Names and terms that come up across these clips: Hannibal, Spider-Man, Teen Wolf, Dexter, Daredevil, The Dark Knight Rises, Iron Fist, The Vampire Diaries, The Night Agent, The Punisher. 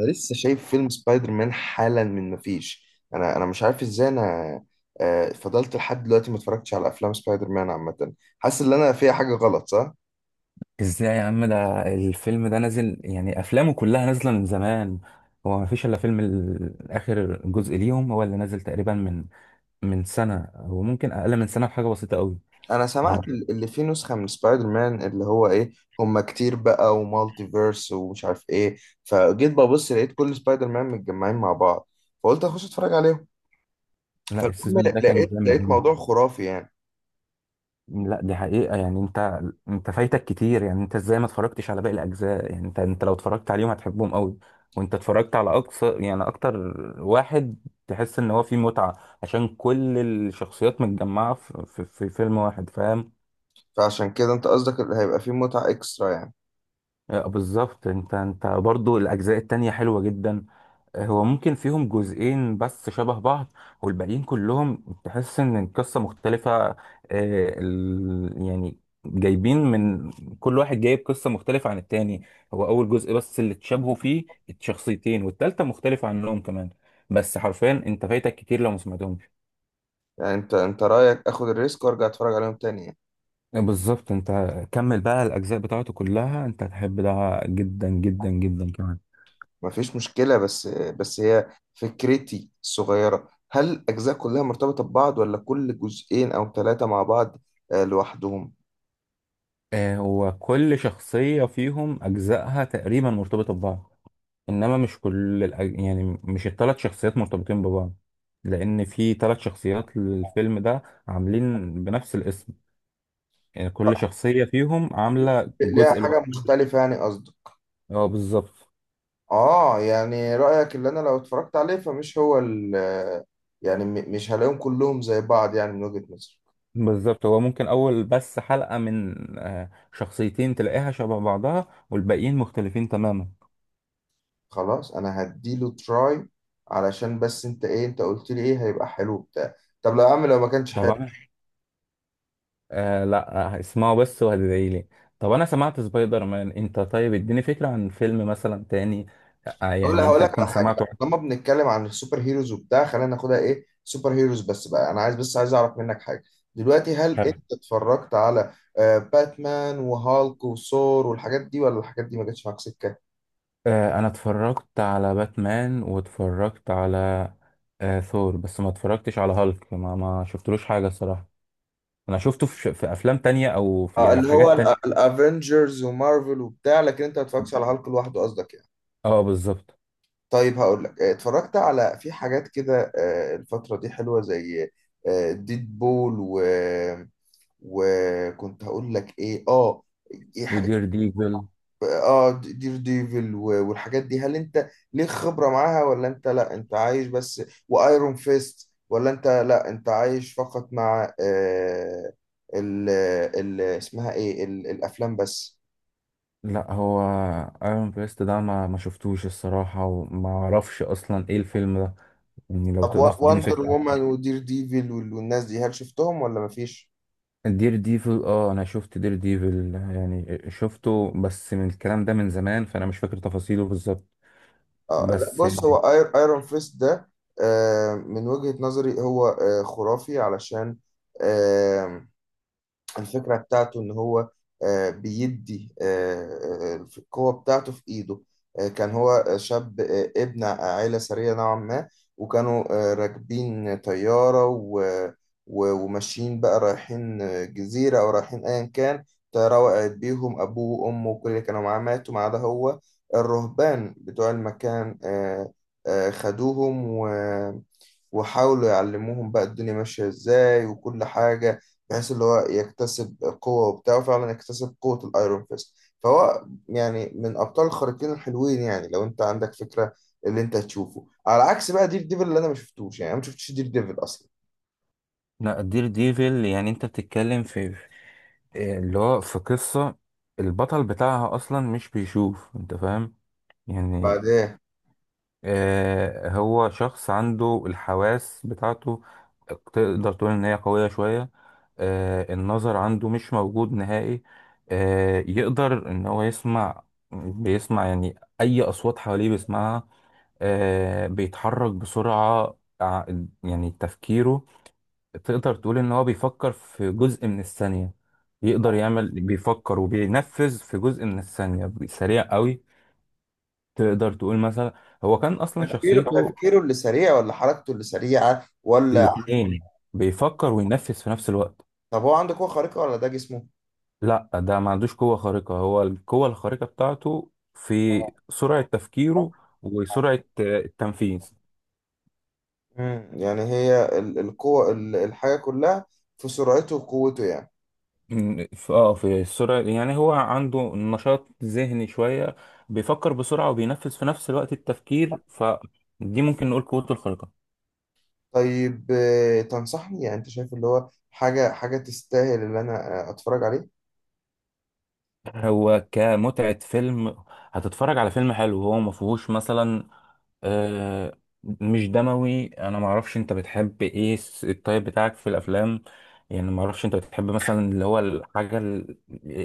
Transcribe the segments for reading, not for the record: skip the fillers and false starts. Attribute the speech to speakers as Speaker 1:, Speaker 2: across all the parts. Speaker 1: انا لسه شايف فيلم سبايدر مان حالا من ما فيش. انا مش عارف ازاي انا. فضلت لحد دلوقتي ما اتفرجتش على افلام سبايدر مان عامه، حاسس ان انا فيها حاجه غلط. صح
Speaker 2: ازاي يا عم، ده الفيلم ده نازل، يعني افلامه كلها نازله من زمان. هو ما فيش الا فيلم اخر جزء ليهم هو اللي نازل تقريبا من سنه، او ممكن اقل من سنه بحاجه بسيطه قوي.
Speaker 1: انا
Speaker 2: ف-
Speaker 1: سمعت اللي فيه نسخه من سبايدر مان اللي هو ايه؟ هما كتير بقى، ومالتي فيرس ومش عارف ايه. فجيت ببص، لقيت كل سبايدر مان متجمعين مع بعض، فقلت اخش اتفرج عليهم.
Speaker 2: لا،
Speaker 1: فالمهم
Speaker 2: السيزون ده كان
Speaker 1: لقيت
Speaker 2: جامد
Speaker 1: لقيت
Speaker 2: قوي.
Speaker 1: موضوع خرافي يعني.
Speaker 2: لا، دي حقيقه. يعني انت فايتك كتير، يعني انت ازاي ما اتفرجتش على باقي الاجزاء؟ يعني انت لو اتفرجت عليهم هتحبهم قوي. وانت اتفرجت على اقصى، يعني اكتر واحد تحس ان هو فيه متعه، عشان كل الشخصيات متجمعه في فيلم واحد، فاهم؟
Speaker 1: فعشان كده انت قصدك اللي هيبقى فيه متعه اكسترا يعني؟
Speaker 2: آه، بالظبط. انت برضو الاجزاء التانية حلوة جدا. آه، هو ممكن فيهم جزئين بس شبه بعض، والباقيين كلهم تحس ان القصة مختلفة. يعني جايبين من كل واحد جايب قصة مختلفة عن التاني. هو اول جزء بس اللي اتشابهوا فيه الشخصيتين، والتالتة مختلفة عنهم كمان. بس حرفيا انت فايتك كتير لو ما سمعتهمش.
Speaker 1: يعني انت رايك اخد الريسك وارجع اتفرج عليهم تاني يعني.
Speaker 2: آه، بالظبط. انت كمل بقى الاجزاء بتاعته كلها، انت هتحب ده جدا جدا جدا كمان.
Speaker 1: ما فيش مشكلة، بس هي فكرتي الصغيرة، هل الأجزاء كلها مرتبطة ببعض، ولا كل جزئين أو ثلاثة مع بعض لوحدهم؟
Speaker 2: آه، هو كل شخصية فيهم أجزائها تقريبا مرتبطة ببعض، إنما مش كل يعني مش الثلاث شخصيات مرتبطين ببعض، لأن في ثلاث شخصيات للفيلم ده عاملين بنفس الاسم، يعني
Speaker 1: آه،
Speaker 2: كل شخصية فيهم عاملة
Speaker 1: ليها
Speaker 2: جزء
Speaker 1: حاجة
Speaker 2: لوحده.
Speaker 1: مختلفة يعني قصدك؟
Speaker 2: اه، بالظبط.
Speaker 1: آه، يعني رأيك اللي أنا لو اتفرجت عليه فمش هو ال، يعني مش هلاقيهم كلهم زي بعض يعني من وجهة نظرك.
Speaker 2: بالظبط، هو ممكن أول بس حلقة من شخصيتين تلاقيها شبه بعضها، والباقيين مختلفين تماما.
Speaker 1: خلاص أنا هديله تراي، علشان بس أنت إيه أنت قلت لي إيه هيبقى حلو بتاع. طب لو يا عم لو ما كانش حلو؟
Speaker 2: طبعا. آه لا، اسمعوا بس وهتدعي لي. طب انا سمعت سبايدر مان، انت طيب اديني فكرة عن فيلم مثلا تاني،
Speaker 1: هقول
Speaker 2: يعني
Speaker 1: هقول
Speaker 2: انت
Speaker 1: لك
Speaker 2: تكون
Speaker 1: على حاجه.
Speaker 2: سمعته.
Speaker 1: لما بنتكلم عن السوبر هيروز وبتاع، خلينا ناخدها ايه سوبر هيروز بس بقى. انا عايز، بس عايز اعرف منك حاجه. دلوقتي هل
Speaker 2: حلو.
Speaker 1: انت اتفرجت على باتمان وهالك وثور والحاجات دي، ولا الحاجات دي ما جاتش معاك سكه؟
Speaker 2: انا اتفرجت على باتمان، واتفرجت على ثور، بس ما اتفرجتش على هالك، ما شفتلوش حاجة الصراحة. انا شفته في افلام تانية، او في يعني في
Speaker 1: اللي هو
Speaker 2: حاجات تانية.
Speaker 1: الافنجرز ومارفل وبتاع، لكن انت ما اتفرجتش على هالك لوحده قصدك يعني؟
Speaker 2: اه، بالظبط.
Speaker 1: طيب هقول لك، اتفرجت على في حاجات كده، الفتره دي حلوه، زي ديد بول و... وكنت هقول لك ايه، اه.
Speaker 2: ودير ديفل.
Speaker 1: اه دير ديفل والحاجات دي، هل انت ليك خبرة معاها، ولا انت لا انت عايش بس وايرون فيست؟ ولا انت لا انت عايش فقط مع ال ال اسمها ايه ال الافلام بس؟
Speaker 2: لا، هو ايرون بريست ده ما شفتوش الصراحة، وما اعرفش اصلا ايه الفيلم ده، يعني لو
Speaker 1: طب
Speaker 2: تقدر تديني
Speaker 1: وندر
Speaker 2: فكرة.
Speaker 1: وومن ودير ديفل والناس دي، هل شفتهم ولا مفيش؟
Speaker 2: دير ديفل، اه انا شفت دير ديفل، يعني شفته بس من الكلام ده من زمان، فانا مش فاكر تفاصيله بالظبط.
Speaker 1: اه لا،
Speaker 2: بس
Speaker 1: بص هو ايرون فيست ده، من وجهة نظري هو خرافي، علشان الفكرة بتاعته إن هو، بيدي القوة بتاعته في إيده. كان هو شاب، ابن عائلة ثرية نوعا ما. وكانوا راكبين طيارة، وماشيين بقى رايحين جزيرة أو رايحين أيا كان. طيارة وقعت بيهم، أبوه وأمه وكل اللي كانوا معاه ماتوا ما عدا هو. الرهبان بتوع المكان خدوهم، وحاولوا يعلموهم بقى الدنيا ماشية ازاي وكل حاجة، بحيث اللي هو يكتسب قوة وبتاع. وفعلا يكتسب قوة الايرون فيست. فهو يعني من ابطال الخارقين الحلوين، يعني لو انت عندك فكرة اللي انت هتشوفه على عكس بقى دير ديفل، اللي انا ما شفتوش، يعني انا ما شفتش دير ديفل اصلا.
Speaker 2: لا، دير ديفل يعني انت بتتكلم اللي هو في قصة البطل بتاعها اصلا مش بيشوف، انت فاهم؟ يعني
Speaker 1: بعدين
Speaker 2: آه، هو شخص عنده الحواس بتاعته، تقدر تقول ان هي قوية شوية. آه، النظر عنده مش موجود نهائي. آه، يقدر ان هو يسمع، بيسمع، يعني اي اصوات حواليه بيسمعها. آه، بيتحرك بسرعة، يعني تفكيره، تقدر تقول ان هو بيفكر في جزء من الثانية، يقدر يعمل بيفكر وبينفذ في جزء من الثانية سريع قوي. تقدر تقول مثلا، هو كان اصلا
Speaker 1: تفكيره
Speaker 2: شخصيته
Speaker 1: تفكيره اللي سريع، ولا حركته اللي سريعة، ولا؟
Speaker 2: الاتنين بيفكر وينفذ في نفس الوقت.
Speaker 1: طب هو عنده قوة خارقة ولا ده جسمه؟
Speaker 2: لا، ده ما عندوش قوة خارقة. هو القوة الخارقة بتاعته في سرعة تفكيره، وسرعة التنفيذ.
Speaker 1: مم. يعني هي القوة، الحاجة كلها في سرعته وقوته يعني.
Speaker 2: م، في- اه في السرعة، يعني هو عنده نشاط ذهني شوية، بيفكر بسرعة وبينفذ في نفس الوقت التفكير، فدي ممكن نقول قوته الخارقة.
Speaker 1: طيب تنصحني؟ يعني انت شايف اللي هو حاجة تستاهل اللي انا اتفرج عليه؟
Speaker 2: هو كمتعة فيلم، هتتفرج على فيلم حلو، هو ما فيهوش مثلا آه مش دموي. انا ما اعرفش انت بتحب ايه، الطيب بتاعك في الافلام، يعني ما اعرفش انت بتحب مثلا اللي هو الحاجة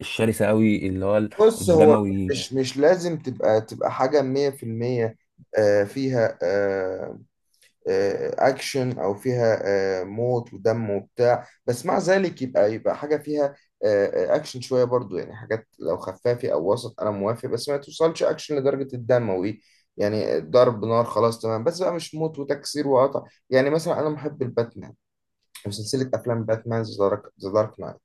Speaker 2: الشرسة قوي اللي هو
Speaker 1: بص هو
Speaker 2: الدموي.
Speaker 1: مش لازم تبقى حاجة 100%، آه، فيها آه، اكشن، او فيها موت ودم وبتاع. بس مع ذلك يبقى حاجة فيها اكشن شوية برضو. يعني حاجات لو خفافي او وسط انا موافق، بس ما توصلش اكشن لدرجة الدم وايه. يعني ضرب نار خلاص تمام، بس بقى مش موت وتكسير وقطع. يعني مثلا انا محب الباتمان وسلسلة أفلام باتمان، ذا دارك نايت،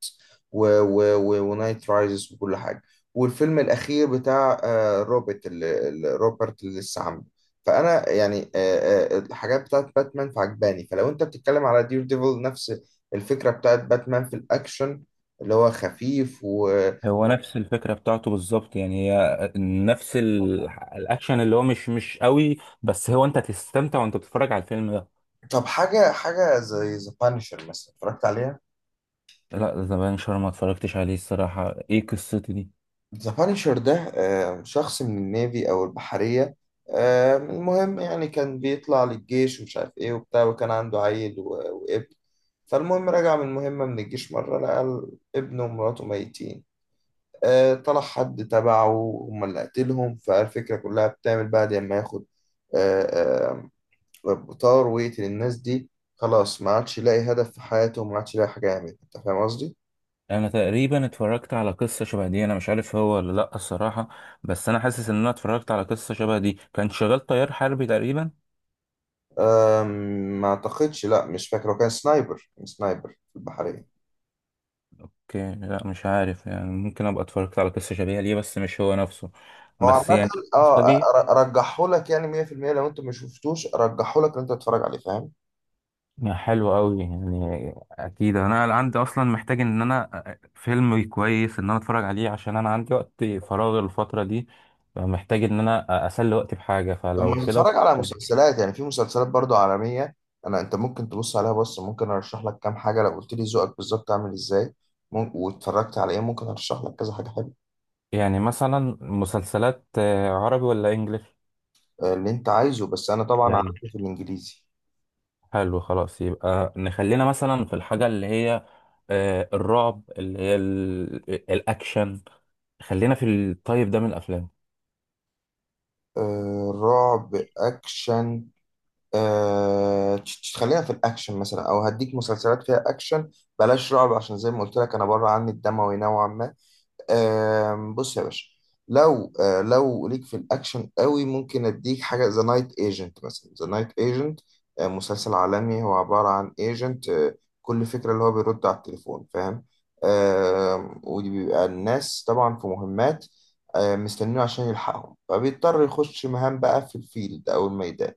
Speaker 1: ونايت رايزز، وكل حاجة. والفيلم الأخير بتاع روبرت روبرت اللي لسه عامله. فأنا يعني الحاجات بتاعت باتمان فعجباني. فلو أنت بتتكلم على دير ديفل نفس الفكرة بتاعت باتمان في الأكشن اللي هو خفيف و...
Speaker 2: هو نفس الفكرة بتاعته بالظبط، يعني هي نفس الاكشن اللي هو مش قوي، بس هو انت تستمتع وانت بتتفرج على الفيلم ده.
Speaker 1: طب حاجة زي ذا بانشر مثلا اتفرجت عليها؟
Speaker 2: لا، ذا بانشر ما اتفرجتش عليه الصراحة، ايه قصته دي؟
Speaker 1: ذا بانشر ده شخص من النيفي أو البحرية. المهم يعني كان بيطلع للجيش ومش عارف إيه وبتاع، وكان عنده عيل وابن. فالمهم رجع من مهمة من الجيش مرة، لقى ابنه ومراته ميتين. طلع حد تبعه هما اللي قتلهم. فالفكرة كلها بتعمل بعد ما ياخد آه، بطار ويقتل الناس دي. خلاص ما عادش يلاقي هدف في حياته، وما عادش يلاقي حاجة يعملها. أنت فاهم قصدي؟
Speaker 2: انا تقريبا اتفرجت على قصه شبه دي، انا مش عارف هو ولا لا الصراحه، بس انا حاسس ان انا اتفرجت على قصه شبه دي، كان شغال طيار حربي تقريبا.
Speaker 1: أم، ما اعتقدش، لا مش فاكر، هو كان سنايبر في البحرية.
Speaker 2: لا مش عارف، يعني ممكن ابقى اتفرجت على قصه شبيهه ليه بس مش هو نفسه،
Speaker 1: هو
Speaker 2: بس
Speaker 1: عامة
Speaker 2: يعني القصه
Speaker 1: اه
Speaker 2: دي
Speaker 1: رجحه لك يعني 100%. لو انت ما شفتوش رجحه لك ان انت تتفرج عليه فاهم.
Speaker 2: حلوه قوي. يعني اكيد انا عندي اصلا، محتاج ان انا فيلم كويس ان انا اتفرج عليه، عشان انا عندي وقت فراغ الفتره دي، محتاج ان انا اسلي وقتي بحاجه،
Speaker 1: طب
Speaker 2: فلو
Speaker 1: ما
Speaker 2: كده.
Speaker 1: تتفرج على مسلسلات؟ يعني في مسلسلات برضو عالمية، انا انت ممكن تبص عليها. بص ممكن ارشح لك كام حاجة، لو قلت لي ذوقك بالظبط عامل ازاي، ممكن واتفرجت على ايه، ممكن ارشح لك كذا حاجة حلوة.
Speaker 2: يعني مثلا مسلسلات عربي ولا انجليش؟
Speaker 1: اللي انت عايزه بس انا طبعا
Speaker 2: يعني
Speaker 1: عارف. في الانجليزي
Speaker 2: حلو خلاص، يبقى نخلينا مثلا في الحاجة اللي هي الرعب اللي هي الأكشن، خلينا في الطيب ده من الأفلام.
Speaker 1: رعب اكشن؟ خلينا في الأكشن مثلا، أو هديك مسلسلات فيها أكشن. بلاش رعب عشان زي ما قلت لك أنا بره عني الدموي نوعا ما. بص يا باشا، لو ليك في الاكشن قوي، ممكن اديك حاجه ذا نايت ايجنت مثلا. ذا نايت ايجنت مسلسل عالمي، هو عباره عن ايجنت، كل فكره اللي هو بيرد على التليفون فاهم. ودي بيبقى الناس طبعا في مهمات مستنينه عشان يلحقهم، فبيضطر يخش مهام بقى في الفيلد او الميدان.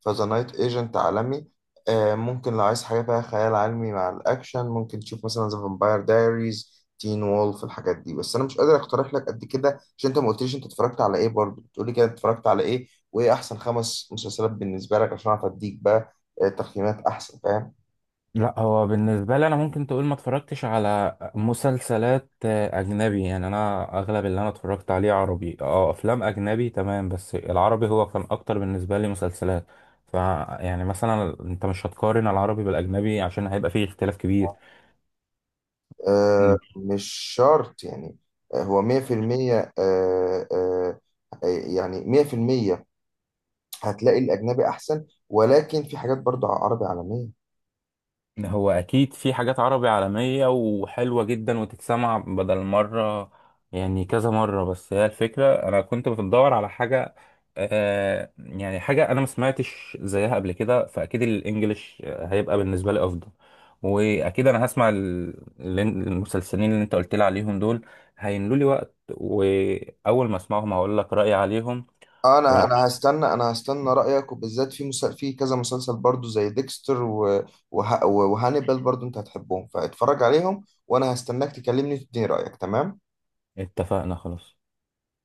Speaker 1: فذا نايت ايجنت عالمي. ممكن لو عايز حاجه فيها خيال علمي مع الاكشن، ممكن تشوف مثلا ذا فامباير دايريز، تين وولف، الحاجات دي. بس انا مش قادر اقترح لك قد كده عشان انت ما قلتليش انت اتفرجت على ايه، برضه بتقولي كده اتفرجت على ايه، وايه احسن 5 مسلسلات بالنسبه لك عشان اعرف اديك بقى تقييمات احسن فاهم.
Speaker 2: لا، هو بالنسبة لي أنا ممكن تقول ما اتفرجتش على مسلسلات أجنبي. يعني أنا أغلب اللي أنا اتفرجت عليه عربي، أفلام أجنبي تمام، بس العربي هو كان أكتر بالنسبة لي مسلسلات. ف يعني مثلا أنت مش هتقارن العربي بالأجنبي، عشان هيبقى فيه اختلاف كبير.
Speaker 1: آه مش شرط يعني. هو 100%، آه آه يعني 100%، هتلاقي الاجنبي احسن، ولكن في حاجات برضه عربي عالميه.
Speaker 2: هو اكيد في حاجات عربي عالمية وحلوة جدا، وتتسمع بدل مرة، يعني كذا مرة. بس هي الفكرة انا كنت بدور على حاجة، يعني حاجة انا ما سمعتش زيها قبل كده، فاكيد الانجليش هيبقى بالنسبة لي افضل. واكيد انا هسمع المسلسلين اللي انت قلت لي عليهم دول، هيملوا لي وقت، واول ما اسمعهم هقول لك رأيي عليهم.
Speaker 1: انا هستنى رايك، وبالذات في كذا مسلسل برضو زي ديكستر و... وهانيبال برضو، انت هتحبهم فاتفرج عليهم، وانا هستناك تكلمني تديني رايك. تمام.
Speaker 2: ونتفقنا خلاص.